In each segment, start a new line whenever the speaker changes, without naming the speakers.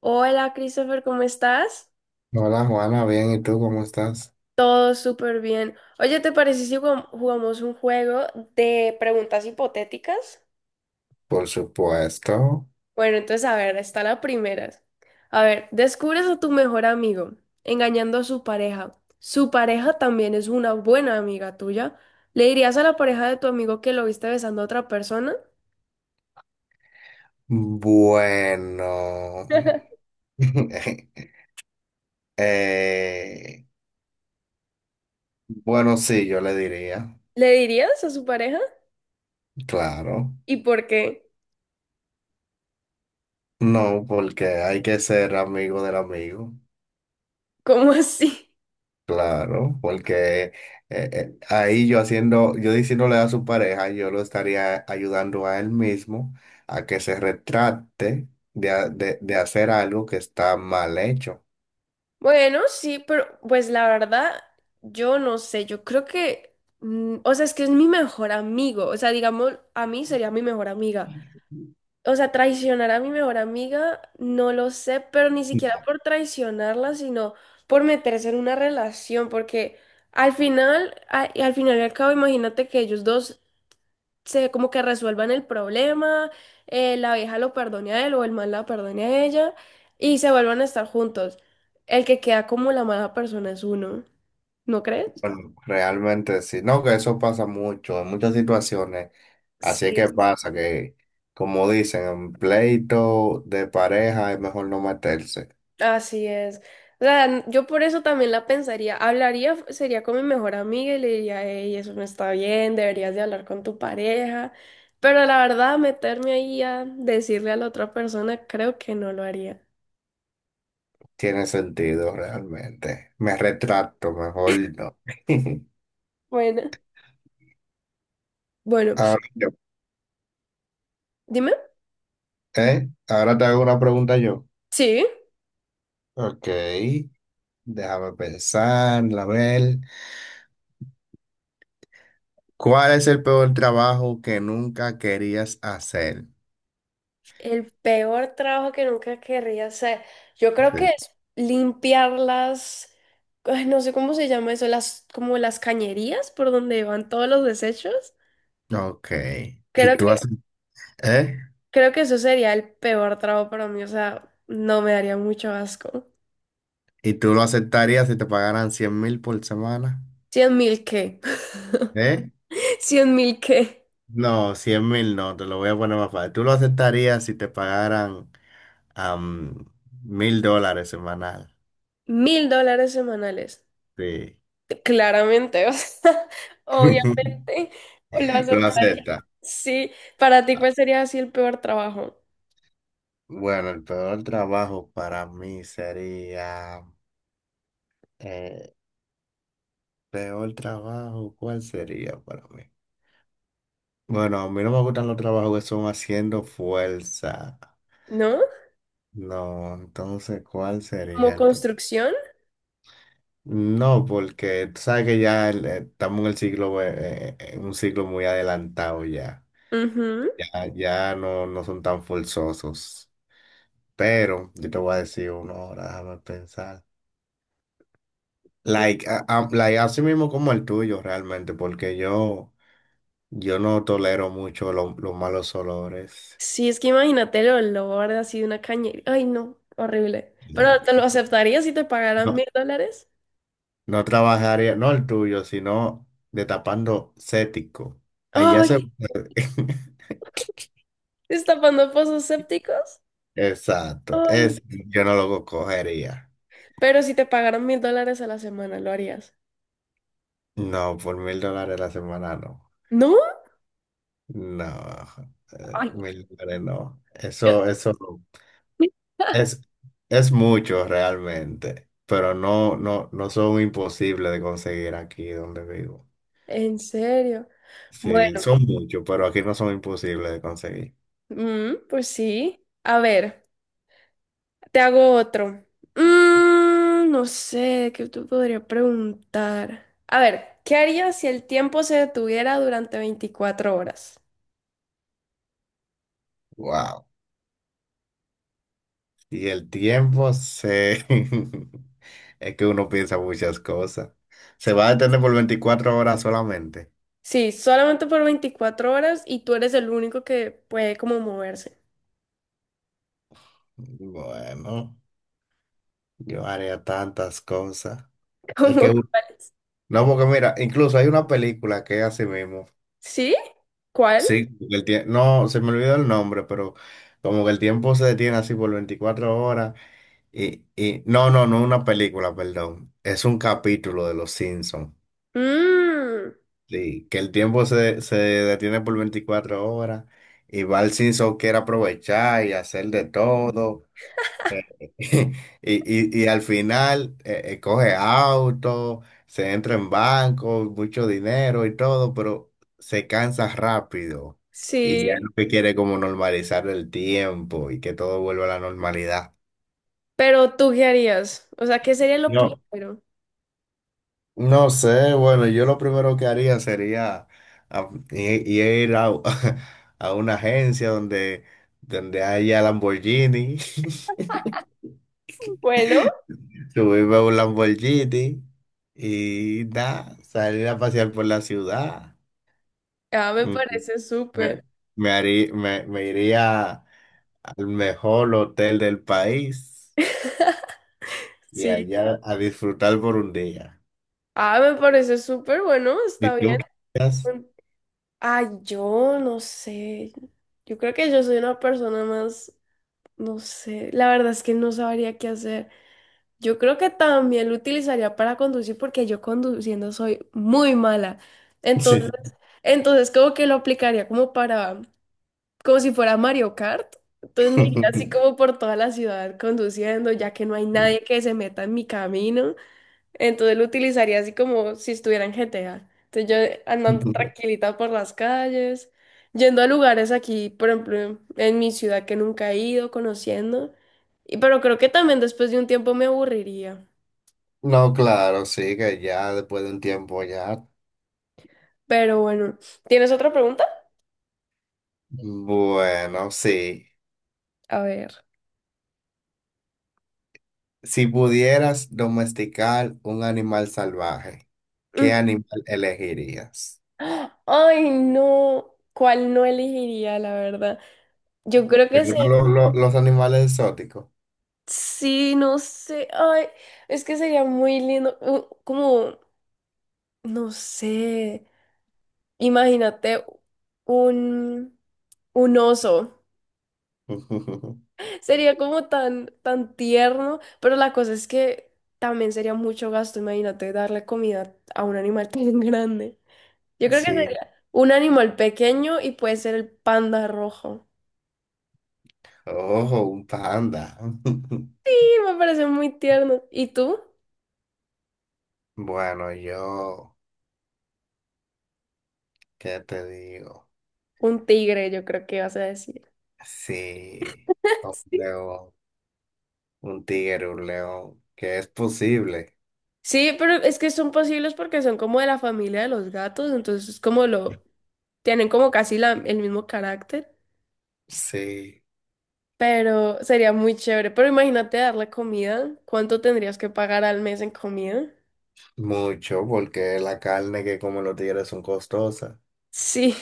Hola Christopher, ¿cómo estás?
Hola Juana, bien, ¿y tú cómo estás?
Todo súper bien. Oye, ¿te parece si jugamos un juego de preguntas hipotéticas?
Por supuesto.
Bueno, entonces a ver, está la primera. A ver, descubres a tu mejor amigo engañando a su pareja. Su pareja también es una buena amiga tuya. ¿Le dirías a la pareja de tu amigo que lo viste besando a otra persona?
Bueno. eh, bueno, sí, yo le diría,
¿Le dirías a su pareja?
claro.
¿Y por qué?
No, porque hay que ser amigo del amigo,
¿Cómo así?
claro, porque ahí yo haciendo, yo diciéndole a su pareja, yo lo estaría ayudando a él mismo a que se retrate de, de hacer algo que está mal hecho.
Bueno, sí, pero pues la verdad, yo no sé, yo creo que, o sea, es que es mi mejor amigo, o sea, digamos, a mí sería mi mejor amiga. O sea, traicionar a mi mejor amiga, no lo sé, pero ni siquiera por traicionarla, sino por meterse en una relación, porque al final, al final y al cabo, imagínate que ellos dos se como que resuelvan el problema, la vieja lo perdone a él o el mal la perdone a ella y se vuelvan a estar juntos. El que queda como la mala persona es uno, ¿no crees?
Bueno, realmente sí, no, que eso pasa mucho, en muchas situaciones, así es
Sí,
que pasa que, como dicen, en pleito de pareja es mejor no meterse.
así es. O sea, yo por eso también la pensaría. Hablaría, sería con mi mejor amiga y le diría, hey, eso no está bien, deberías de hablar con tu pareja. Pero la verdad, meterme ahí a decirle a la otra persona, creo que no lo haría.
Tiene sentido realmente, me retracto, mejor no.
Bueno, bueno,
Ahora, yo-
dime.
¿eh? Ahora te hago una pregunta yo,
Sí.
ok, déjame pensar, a ver, ¿cuál es el peor trabajo que nunca querías hacer?
El peor trabajo que nunca querría hacer. Yo creo que
Sí.
es limpiar las, ay, no sé cómo se llama eso, las, como las cañerías por donde van todos los desechos.
Ok, ¿y
Creo
tú
que,
haces, eh?
creo que eso sería el peor trabajo para mí. O sea, no me daría mucho asco.
¿Y tú lo aceptarías si te pagaran 100.000 por semana?
100.000 qué.
¿Eh?
100.000 qué.
No, 100.000 no, te lo voy a poner más fácil. ¿Tú lo aceptarías si te pagaran 1.000 dólares semanal?
1000 dólares semanales.
Sí.
Claramente, o sea, obviamente. Lo
¿Lo
aceptaría.
aceptas?
Sí, para ti, ¿cuál sería así el peor trabajo?
Bueno, el peor trabajo para mí sería... eh, ¿peor trabajo? ¿Cuál sería para mí? Bueno, a mí no me gustan los trabajos que son haciendo fuerza.
¿No?
No, entonces, ¿cuál
Como
sería el peor?
construcción.
No, porque tú sabes que ya estamos en el siglo, en un siglo muy adelantado ya.
Ujú.
Ya, ya no, no son tan forzosos. Pero yo te voy a decir uno ahora, déjame pensar. Like, like, así mismo como el tuyo realmente, porque yo no tolero mucho los malos olores.
Sí, es que imagínate el olor así de una cañería. Ay, no, horrible. Pero
Y
¿te lo aceptarías si te pagaran
no,
1000 dólares?
no trabajaría, no el tuyo, sino destapando cético. Allá se...
Ay, destapando pozos sépticos.
Exacto,
Ay.
es, yo no lo cogería.
Pero si te pagaran mil dólares a la semana, ¿lo harías?
No, por 1.000 dólares la semana no.
¿No?
No,
Ay,
1.000 dólares no.
yo-
Eso es, es mucho realmente, pero no, no, no son imposibles de conseguir aquí donde vivo.
¿En serio? Bueno,
Sí, son muchos, pero aquí no son imposibles de conseguir.
pues sí. A ver. Te hago otro. No sé, ¿qué tú podría preguntar? A ver, ¿qué harías si el tiempo se detuviera durante 24 horas?
Wow. Y el tiempo se... Es que uno piensa muchas cosas. Se va a detener por 24 horas solamente.
Sí, solamente por 24 horas y tú eres el único que puede como moverse.
Bueno. Yo haría tantas cosas. Es que,
¿Cómo?
no, porque mira, incluso hay una película que es así mismo.
¿Sí? ¿Cuál?
Sí, porque no, se me olvidó el nombre, pero como que el tiempo se detiene así por 24 horas. Y no, no, no una película, perdón. Es un capítulo de Los Simpsons.
Mm,
Sí, que el tiempo se, se detiene por 24 horas y va el Simpson quiere aprovechar y hacer de todo. Eh, y al final coge auto, se entra en banco, mucho dinero y todo, pero se cansa rápido y ya
sí.
lo que quiere es como normalizar el tiempo y que todo vuelva a la normalidad.
Pero ¿tú qué harías? O sea, ¿qué sería lo
No,
primero?
no sé, bueno, yo lo primero que haría sería ir a, a una agencia donde, donde haya Lamborghini.
Bueno,
Subirme a un Lamborghini y nada, salir a pasear por la ciudad.
ah, me
Mm,
parece
Me,
súper.
me iría al mejor hotel del país y
Sí.
allá a disfrutar por un día.
Ah, me parece súper bueno,
¿Y
está
tú?
bien. Ay, yo no sé. Yo creo que yo soy una persona más, no sé, la verdad es que no sabría qué hacer. Yo creo que también lo utilizaría para conducir porque yo conduciendo soy muy mala.
Sí.
Entonces, como que lo aplicaría como para, como si fuera Mario Kart. Entonces me iría así como por toda la ciudad conduciendo, ya que no hay nadie que se meta en mi camino. Entonces lo utilizaría así como si estuviera en GTA. Entonces yo andando tranquilita por las calles, yendo a lugares aquí, por ejemplo, en mi ciudad que nunca he ido, conociendo. Y pero creo que también después de un tiempo me aburriría.
No, claro, sí, que ya después de un tiempo ya.
Pero bueno, ¿tienes otra pregunta?
Bueno, sí.
A ver.
Si pudieras domesticar un animal salvaje, ¿qué animal elegirías?
Mm. Ay, no. ¿Cuál no elegiría, la verdad? Yo creo que
Algunos los animales exóticos.
sí, no sé. Ay, es que sería muy lindo. Como, no sé. Imagínate un, un oso. Sería como tan, tan tierno, pero la cosa es que también sería mucho gasto. Imagínate darle comida a un animal tan grande. Yo creo que
Sí.
sería un animal pequeño y puede ser el panda rojo.
Ojo, un panda.
Sí, me parece muy tierno. ¿Y tú?
Bueno, yo, ¿qué te digo?
Un tigre, yo creo que vas a decir.
Sí, un
Sí,
león, un tigre, un león, que es posible.
Sí, pero es que son posibles porque son como de la familia de los gatos, entonces como lo. Tienen como casi el mismo carácter.
Sí,
Pero sería muy chévere. Pero imagínate darle comida. ¿Cuánto tendrías que pagar al mes en comida?
mucho, porque la carne que comen los tigres son costosas,
Sí,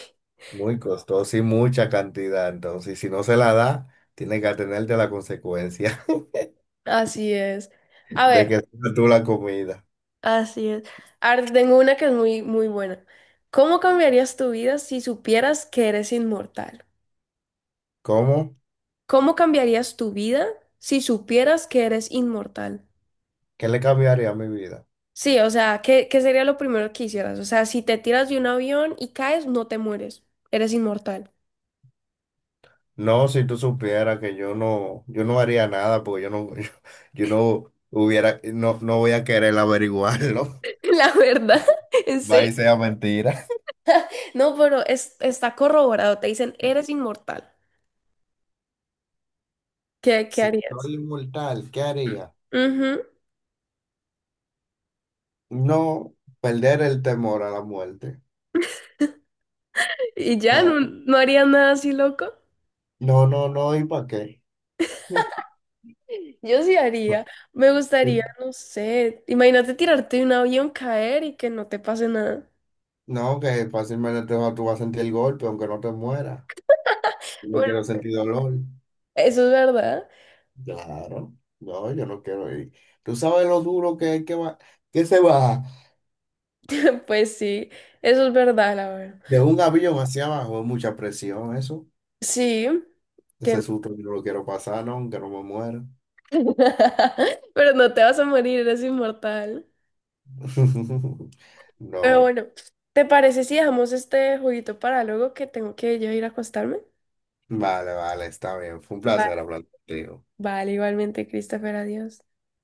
muy costosa y mucha cantidad. Entonces, si no se la da, tienes que atenerte a la consecuencia
así es. A ver,
de que tengas tú la comida.
así es. Ahora tengo una que es muy, muy buena. ¿Cómo cambiarías tu vida si supieras que eres inmortal?
¿Cómo?
¿Cómo cambiarías tu vida si supieras que eres inmortal?
¿Qué le cambiaría a mi vida?
Sí, o sea, ¿qué sería lo primero que hicieras? O sea, si te tiras de un avión y caes, no te mueres. Eres inmortal.
No, si tú supieras que yo no, yo no haría nada porque yo no, yo no hubiera, no, no voy a querer averiguarlo.
La verdad, en
Va
serio.
y sea mentira.
No, pero es, está corroborado. Te dicen, eres inmortal. ¿Qué
Si
harías?
soy inmortal, ¿qué haría?
Ujú.
No perder el temor a la muerte.
Y ya no,
Claro.
no haría nada así loco.
No, no, no, ¿y para qué?
Yo sí haría. Me gustaría,
Que-
no sé. Imagínate tirarte de un avión, caer y que no te pase nada.
No, que fácilmente tú vas a sentir el golpe aunque no te mueras. Yo no
Bueno,
quiero sentir dolor.
eso es verdad.
Claro. No, yo no quiero ir. ¿Tú sabes lo duro que es que va, que se va?
Pues sí, eso es verdad, la verdad.
De un avión hacia abajo es mucha presión eso.
Sí,
Ese
que
susto yo no lo quiero pasar, no, que no me muera.
pero no te vas a morir, eres inmortal. Pero
No,
bueno, ¿te parece si dejamos este jueguito para luego que tengo que yo ir a acostarme?
vale, vale, está bien. Fue un placer hablar contigo.
Vale, igualmente, Christopher, adiós.